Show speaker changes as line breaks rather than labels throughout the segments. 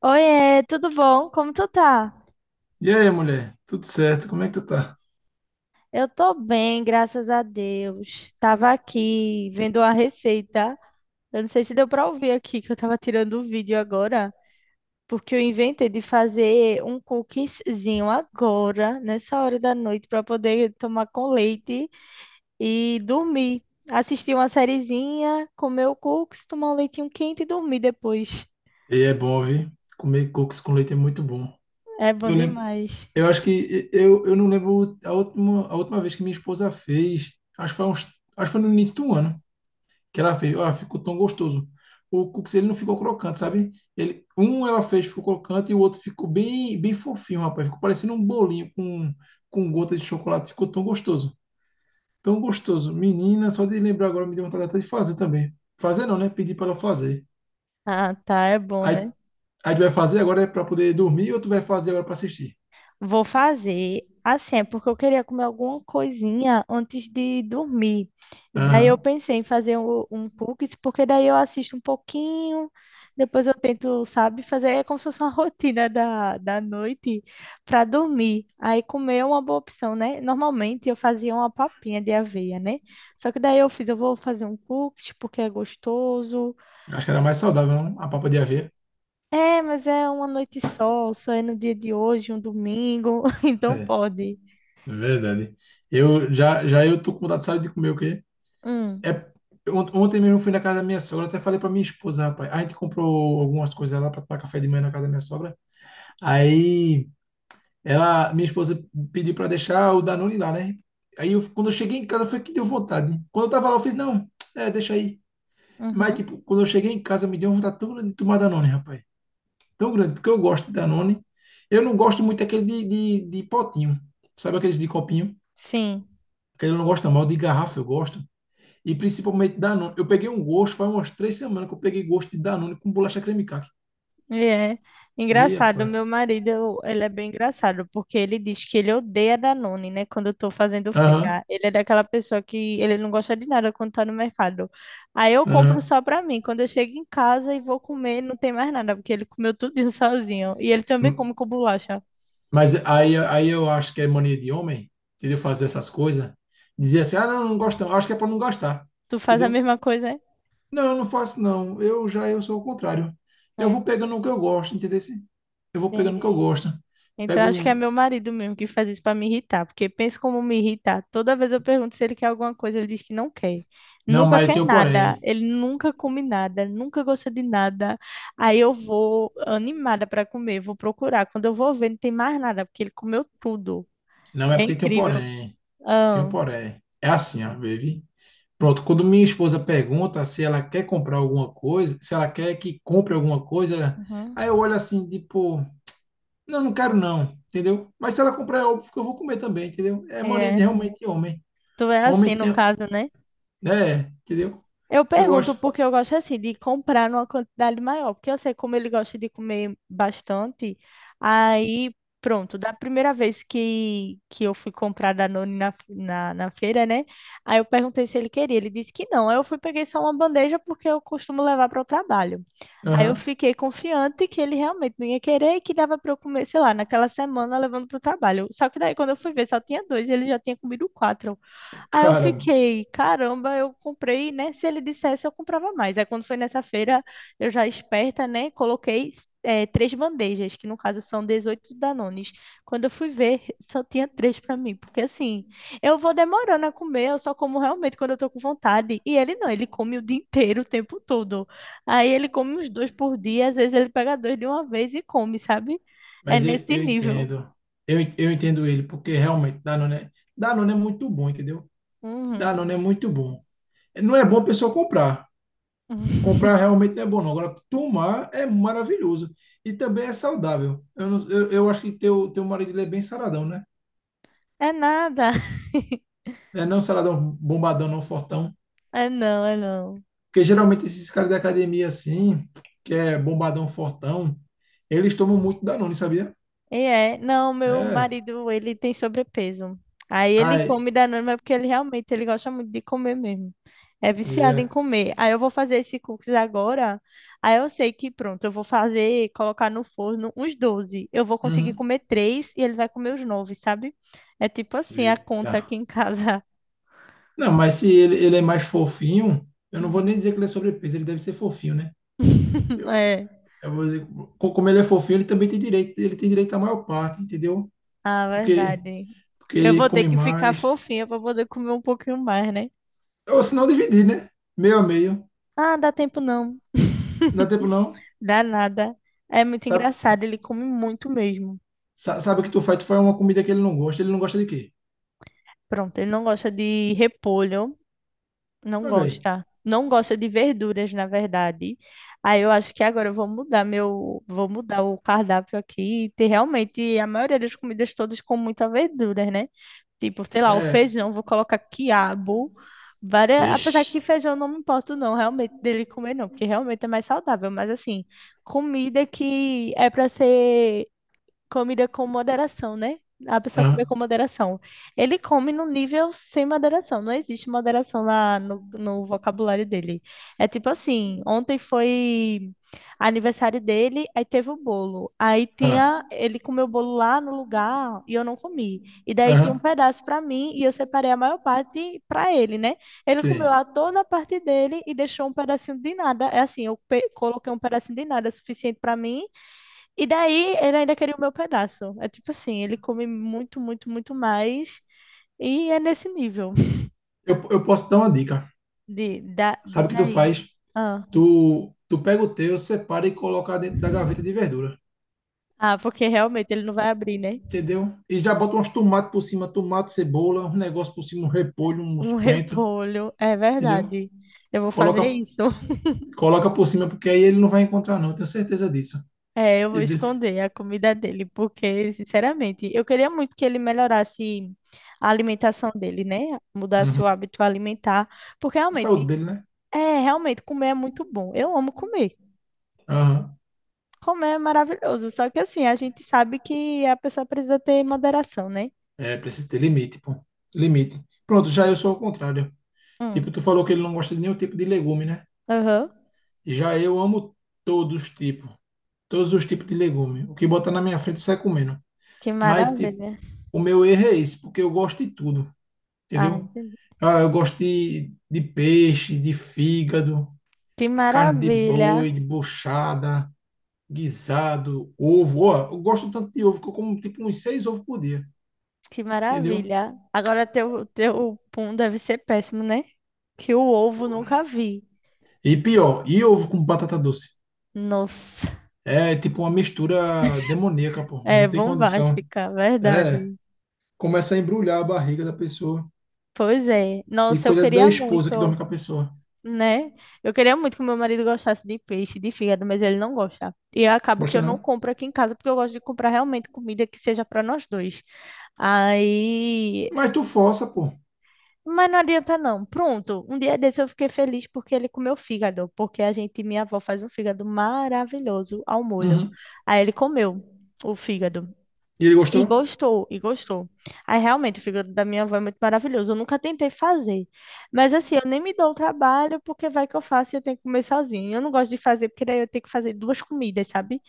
Oiê, tudo bom? Como tu tá?
E aí, mulher? Tudo certo? Como é que tu tá?
Eu tô bem, graças a Deus. Tava aqui vendo a receita. Eu não sei se deu pra ouvir aqui que eu tava tirando o vídeo agora, porque eu inventei de fazer um cookiezinho agora, nessa hora da noite, pra poder tomar com leite e dormir. Assistir uma sériezinha, comer o cookies, tomar um leitinho quente e dormir depois.
E é bom, viu? Comer cocos com leite é muito bom.
É bom
Eu lembro,
demais.
eu acho que eu não lembro a última vez que minha esposa fez. Acho que foi uns, acho que foi no início do ano que ela fez. Ah, ficou tão gostoso. O cookies ele não ficou crocante, sabe? Ele, um ela fez ficou crocante e o outro ficou bem, bem fofinho, rapaz. Ficou parecendo um bolinho com gota de chocolate. Ficou tão gostoso, tão gostoso. Menina, só de lembrar agora me deu vontade até de fazer também. Fazer não, né? Pedir para ela fazer.
Ah, tá, é bom,
Aí
né?
Aí tu vai fazer agora para poder dormir ou tu vai fazer agora para assistir?
Vou fazer assim, é porque eu queria comer alguma coisinha antes de dormir. E daí eu
Aham.
pensei em fazer um cookies, porque daí eu assisto um pouquinho, depois eu tento, sabe, fazer é como se fosse uma rotina da noite para dormir. Aí comer é uma boa opção, né? Normalmente eu fazia uma papinha de aveia, né? Só que daí eu fiz, eu vou fazer um cookies porque é gostoso.
Acho que era mais saudável, não? A papa de aveia.
É, mas é uma noite só, só é no dia de hoje, um domingo,
É,
então
é
pode.
verdade. Eu já, já eu tô com vontade, sabe, de comer o quê?
Hum.
É, ontem mesmo eu fui na casa da minha sogra, até falei pra minha esposa, rapaz. A gente comprou algumas coisas lá para tomar café de manhã na casa da minha sogra. Aí ela, minha esposa pediu para deixar o Danone lá, né? Aí eu, quando eu cheguei em casa foi que deu vontade. Quando eu tava lá, eu fiz, não, é, deixa aí. Mas,
Uhum.
tipo, quando eu cheguei em casa, me deu uma vontade tão grande de tomar Danone, rapaz. Tão grande, porque eu gosto de Danone. Eu não gosto muito daquele de potinho, sabe aqueles de copinho?
Sim,
Aquele eu não gosto, mal de garrafa, eu gosto. E principalmente Danone. Eu peguei um gosto, faz umas 3 semanas que eu peguei gosto de Danone com bolacha creme caqui.
ele é
Ih,
engraçado.
rapaz.
Meu marido, ele é bem engraçado, porque ele diz que ele odeia Danone, né? Quando eu tô fazendo
Aham,
feira. Ele é daquela pessoa que ele não gosta de nada quando tá no mercado. Aí eu compro
aham.
só pra mim. Quando eu chego em casa e vou comer, não tem mais nada, porque ele comeu tudo sozinho. E ele também
Hum,
come com bolacha.
Mas aí eu acho que é mania de homem, entendeu? Fazer essas coisas. Dizer assim, ah, não, não gosto não. Acho que é para não gastar,
Tu faz a
entendeu?
mesma coisa, é?
Não, eu não faço não. Eu já eu sou o contrário. Eu
É,
vou pegando o que eu gosto, entendeu? Eu vou pegando o que eu
entendi.
gosto.
Então
Pego
acho que é
um.
meu marido mesmo que faz isso para me irritar, porque pensa como me irritar. Toda vez eu pergunto se ele quer alguma coisa, ele diz que não quer.
Não,
Nunca
mas
quer
tem um
nada,
porém.
ele nunca come nada, nunca gosta de nada. Aí eu vou animada para comer, vou procurar. Quando eu vou ver, não tem mais nada, porque ele comeu tudo.
Não é
É
porque tem um
incrível.
porém. Tem um
Ah,
porém. É assim, ó, baby. Pronto, quando minha esposa pergunta se ela quer comprar alguma coisa, se ela quer que compre alguma coisa,
uhum.
aí eu olho assim, tipo, não, não quero não, entendeu? Mas se ela comprar, é óbvio que eu vou comer também, entendeu? É mania de
É.
realmente homem.
Tu é
Homem
assim no
tem.
caso, né?
É, entendeu?
Eu
Eu
pergunto
acho.
porque eu gosto assim de comprar numa quantidade maior, porque eu sei como ele gosta de comer bastante. Aí, pronto, da primeira vez que eu fui comprar Danone na feira, né? Aí eu perguntei se ele queria, ele disse que não. Aí eu fui peguei só uma bandeja porque eu costumo levar para o trabalho. Aí eu
Aham.
fiquei confiante que ele realmente não ia querer e que dava para eu comer, sei lá, naquela semana levando para o trabalho. Só que daí quando eu fui ver, só tinha dois e ele já tinha comido quatro. Aí eu
Caramba.
fiquei, caramba, eu comprei, né? Se ele dissesse, eu comprava mais. Aí quando foi nessa feira, eu já esperta, né? Coloquei três bandejas, que no caso são 18 Danones. Quando eu fui ver, só tinha três para mim, porque assim, eu vou demorando a comer, eu só como realmente quando eu tô com vontade. E ele não, ele come o dia inteiro, o tempo todo. Aí ele come uns dois por dia, às vezes ele pega dois de uma vez e come, sabe? É
Mas eu,
nesse
eu
nível.
entendo. Eu entendo ele, porque realmente Danone, Danone é muito bom, entendeu?
Uhum.
Danone é muito bom. Não é bom a pessoa comprar. Comprar realmente não é bom, não. Agora, tomar é maravilhoso. E também é saudável. Eu, não- eu acho que teu marido ele é bem saradão, né?
É nada.
É não saradão bombadão, não fortão.
É não, é não.
Porque geralmente esses caras da academia assim, que é bombadão fortão, eles tomam muito Danone, sabia?
E é, não, meu
É.
marido, ele tem sobrepeso. Aí ele
Ai,
come Danone, mas porque ele realmente, ele gosta muito de comer mesmo. É viciado em
é.
comer. Aí eu vou fazer esse cookies agora. Aí eu sei que pronto, eu vou fazer, colocar no forno uns 12. Eu vou conseguir
Uhum.
comer três e ele vai comer os nove, sabe? É tipo assim a conta aqui
Eita.
em casa.
Não, mas se ele, ele é mais fofinho, eu não vou nem
Uhum.
dizer que ele é sobrepeso, ele deve ser fofinho, né? Eu,
É,
eu vou dizer, como ele é fofinho, ele também tem direito, ele tem direito à maior parte, entendeu?
a
Porque,
verdade.
porque
Eu
ele
vou ter
come
que ficar
mais.
fofinha para poder comer um pouquinho mais, né?
Ou se não, dividir, né? Meio a meio.
Ah, dá tempo não.
Não dá tempo não.
Dá nada. É muito
Sabe,
engraçado, ele come muito mesmo.
sabe o que tu faz? Tu faz uma comida que ele não gosta. Ele não gosta de quê?
Pronto, ele não gosta de repolho, não
Olha aí.
gosta. Não gosta de verduras, na verdade. Aí eu acho que agora eu vou mudar o cardápio aqui e ter realmente a maioria das comidas todas com muita verdura, né? Tipo, sei lá, o
É.
feijão, vou colocar quiabo. Várias... Apesar
Ixi.
que feijão eu não me importo, não, realmente, dele comer, não, porque realmente é mais saudável. Mas, assim, comida que é para ser Comida com moderação, né? A pessoa comer com
Aham,
moderação. Ele come num nível sem moderação. Não existe moderação lá no vocabulário dele. É tipo assim, ontem foi aniversário dele, aí teve o bolo. Aí
aham,
tinha, ele comeu o bolo lá no lugar e eu não comi. E daí tinha
aham.
um pedaço pra mim e eu separei a maior parte pra ele, né? Ele comeu
Sim.
a toda a parte dele e deixou um pedacinho de nada. É assim, eu pe- coloquei um pedacinho de nada suficiente pra mim e daí ele ainda queria o meu pedaço. É tipo assim, ele come muito, muito, muito mais. E é nesse nível
Eu posso dar uma dica. Sabe
diz
o que tu
aí.
faz?
Ah,
Tu pega o teu, separa e coloca dentro da gaveta de verdura.
ah, porque realmente ele não vai abrir, né?
Entendeu? E já bota uns tomates por cima, tomate, cebola, um negócio por cima, um repolho, uns
Um
coentros,
repolho, é
entendeu?
verdade. Eu vou fazer
Coloca,
isso.
coloca por cima, porque aí ele não vai encontrar, não, eu tenho certeza disso.
É, eu vou
Ele disse,
esconder a comida dele, porque, sinceramente, eu queria muito que ele melhorasse a alimentação dele, né? Mudasse o hábito alimentar, porque
a saúde
realmente,
dele, né?
é, realmente comer é muito bom. Eu amo comer.
Aham.
Comer é maravilhoso, só que assim, a gente sabe que a pessoa precisa ter moderação, né?
É, precisa ter limite, pô. Limite. Pronto, já eu sou ao contrário.
Hum,
Tipo, tu falou que ele não gosta de nenhum tipo de legume, né?
aham.
Já eu amo todos os tipos. Todos os tipos de legume. O que botar na minha frente, eu saio comendo.
Que
Mas, tipo,
maravilha.
o meu erro é esse, porque eu gosto de tudo.
Ah,
Entendeu?
entendi.
Ah, eu gosto de peixe, de fígado,
Que
de carne de
maravilha.
boi, de buchada, guisado, ovo. Ó, eu gosto tanto de ovo que eu como tipo uns 6 ovos por dia,
Que
entendeu?
maravilha. Agora teu, teu pum deve ser péssimo, né? Que o ovo nunca vi.
E pior, e ovo com batata doce?
Nossa,
É tipo uma mistura demoníaca, pô.
é
Não tem condição.
bombástica,
É,
verdade.
começa a embrulhar a barriga da pessoa.
Pois é.
E
Nossa, eu
coisa da
queria
esposa que dorme
muito.
com a pessoa.
Né? Eu queria muito que meu marido gostasse de peixe, de fígado, mas ele não gosta. E eu acabo que
Gosta
eu não
não?
compro aqui em casa, porque eu gosto de comprar realmente comida que seja para nós dois. Aí.
Mas tu força, pô.
Mas não adianta não. Pronto, um dia desse eu fiquei feliz porque ele comeu fígado, porque a gente, minha avó, faz um fígado maravilhoso ao molho.
Uhum.
Aí ele comeu o fígado.
E ele
E
gostou?
gostou, e gostou. Aí realmente o fígado da minha avó é muito maravilhoso. Eu nunca tentei fazer. Mas assim, eu nem me dou o trabalho, porque vai que eu faço e eu tenho que comer sozinha. Eu não gosto de fazer, porque daí eu tenho que fazer duas comidas, sabe?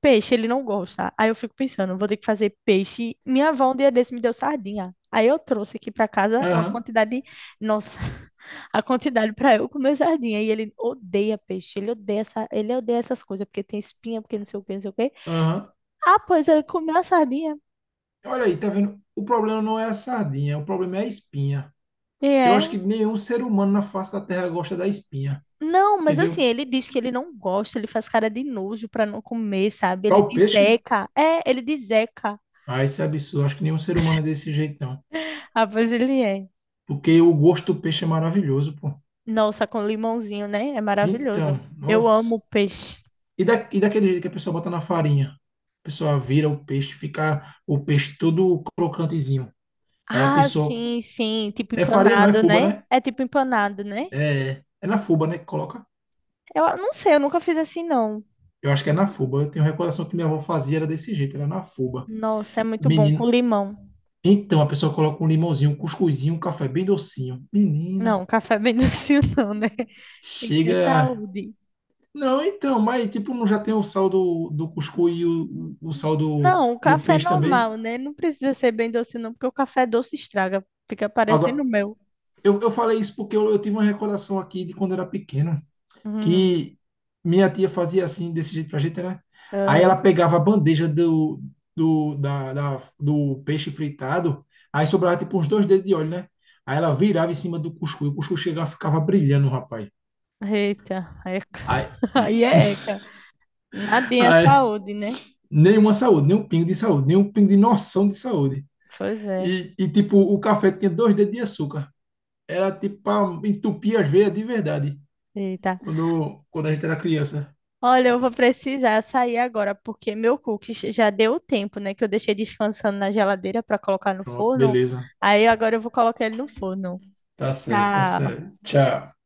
Peixe, ele não gosta. Aí eu fico pensando, vou ter que fazer peixe. Minha avó um dia desse me deu sardinha. Aí eu trouxe aqui pra casa uma
Aham,
quantidade, nossa, a quantidade pra eu comer sardinha. E ele odeia peixe, ele odeia essas coisas, porque tem espinha, porque não sei o que, não sei o quê.
aham.
Ah, pois ele comeu a sardinha.
Olha aí, tá vendo? O problema não é a sardinha, o problema é a espinha.
E
Eu acho
é.
que nenhum ser humano na face da Terra gosta da espinha,
Não, mas
entendeu?
assim, ele diz que ele não gosta, ele faz cara de nojo pra não comer, sabe?
Para
Ele
o
diz
peixe,
Zeca. É, ele diz Zeca.
ah, isso é absurdo. Acho que nenhum ser humano é desse jeito, não.
Ah, pois ele é.
Porque o gosto do peixe é maravilhoso, pô.
Nossa, com limãozinho, né? É maravilhoso.
Então,
Eu
nossa.
amo peixe.
E daquele jeito que a pessoa bota na farinha? A pessoa vira o peixe, fica o peixe todo crocantezinho. Aí a
Ah,
pessoa.
sim, sim. Tipo
É farinha, não é
empanado,
fuba,
né?
né?
É tipo empanado, né?
É, é na fuba, né? Que coloca.
Eu ah, não sei, eu nunca fiz assim, não.
Eu acho que é na fuba. Eu tenho recordação que minha avó fazia era desse jeito, era na fuba.
Nossa, é muito bom
Menino,
com limão.
então, a pessoa coloca um limãozinho, um cuscuzinho, um café bem docinho. Menina,
Não, café bem docinho, não, né? Tem que ter
chega.
saúde.
Não, então, mas tipo, não já tem o sal do, do cuscuz e o sal do,
Não, o
do
café é
peixe também?
normal, né? Não precisa ser bem doce, não, porque o café doce estraga. Fica parecendo o
Agora,
meu.
eu falei isso porque eu tive uma recordação aqui de quando eu era pequeno,
Uhum.
que minha tia fazia assim, desse jeito pra gente, né? Aí ela
Aham.
pegava a bandeja do, do peixe fritado, aí sobrava tipo uns dois dedos de óleo, né? Aí ela virava em cima do cuscuz, o cuscuz chegava, ficava brilhando, rapaz.
Eita, eca.
Aí,
Aí é eca. Nadinha é
ai,
saúde, né?
nenhuma saúde, nem um pingo de saúde, nem um pingo de noção de saúde.
Pois é.
E tipo, o café tinha dois dedos de açúcar. Era tipo pra entupir as veias de verdade.
Eita.
Quando, quando a gente era criança.
Olha, eu vou precisar sair agora, porque meu cookies já deu o tempo, né? Que eu deixei descansando na geladeira para colocar no
Pronto,
forno.
beleza.
Aí agora eu vou colocar ele no forno.
Tá certo, tá
Tchau.
certo. Tchau.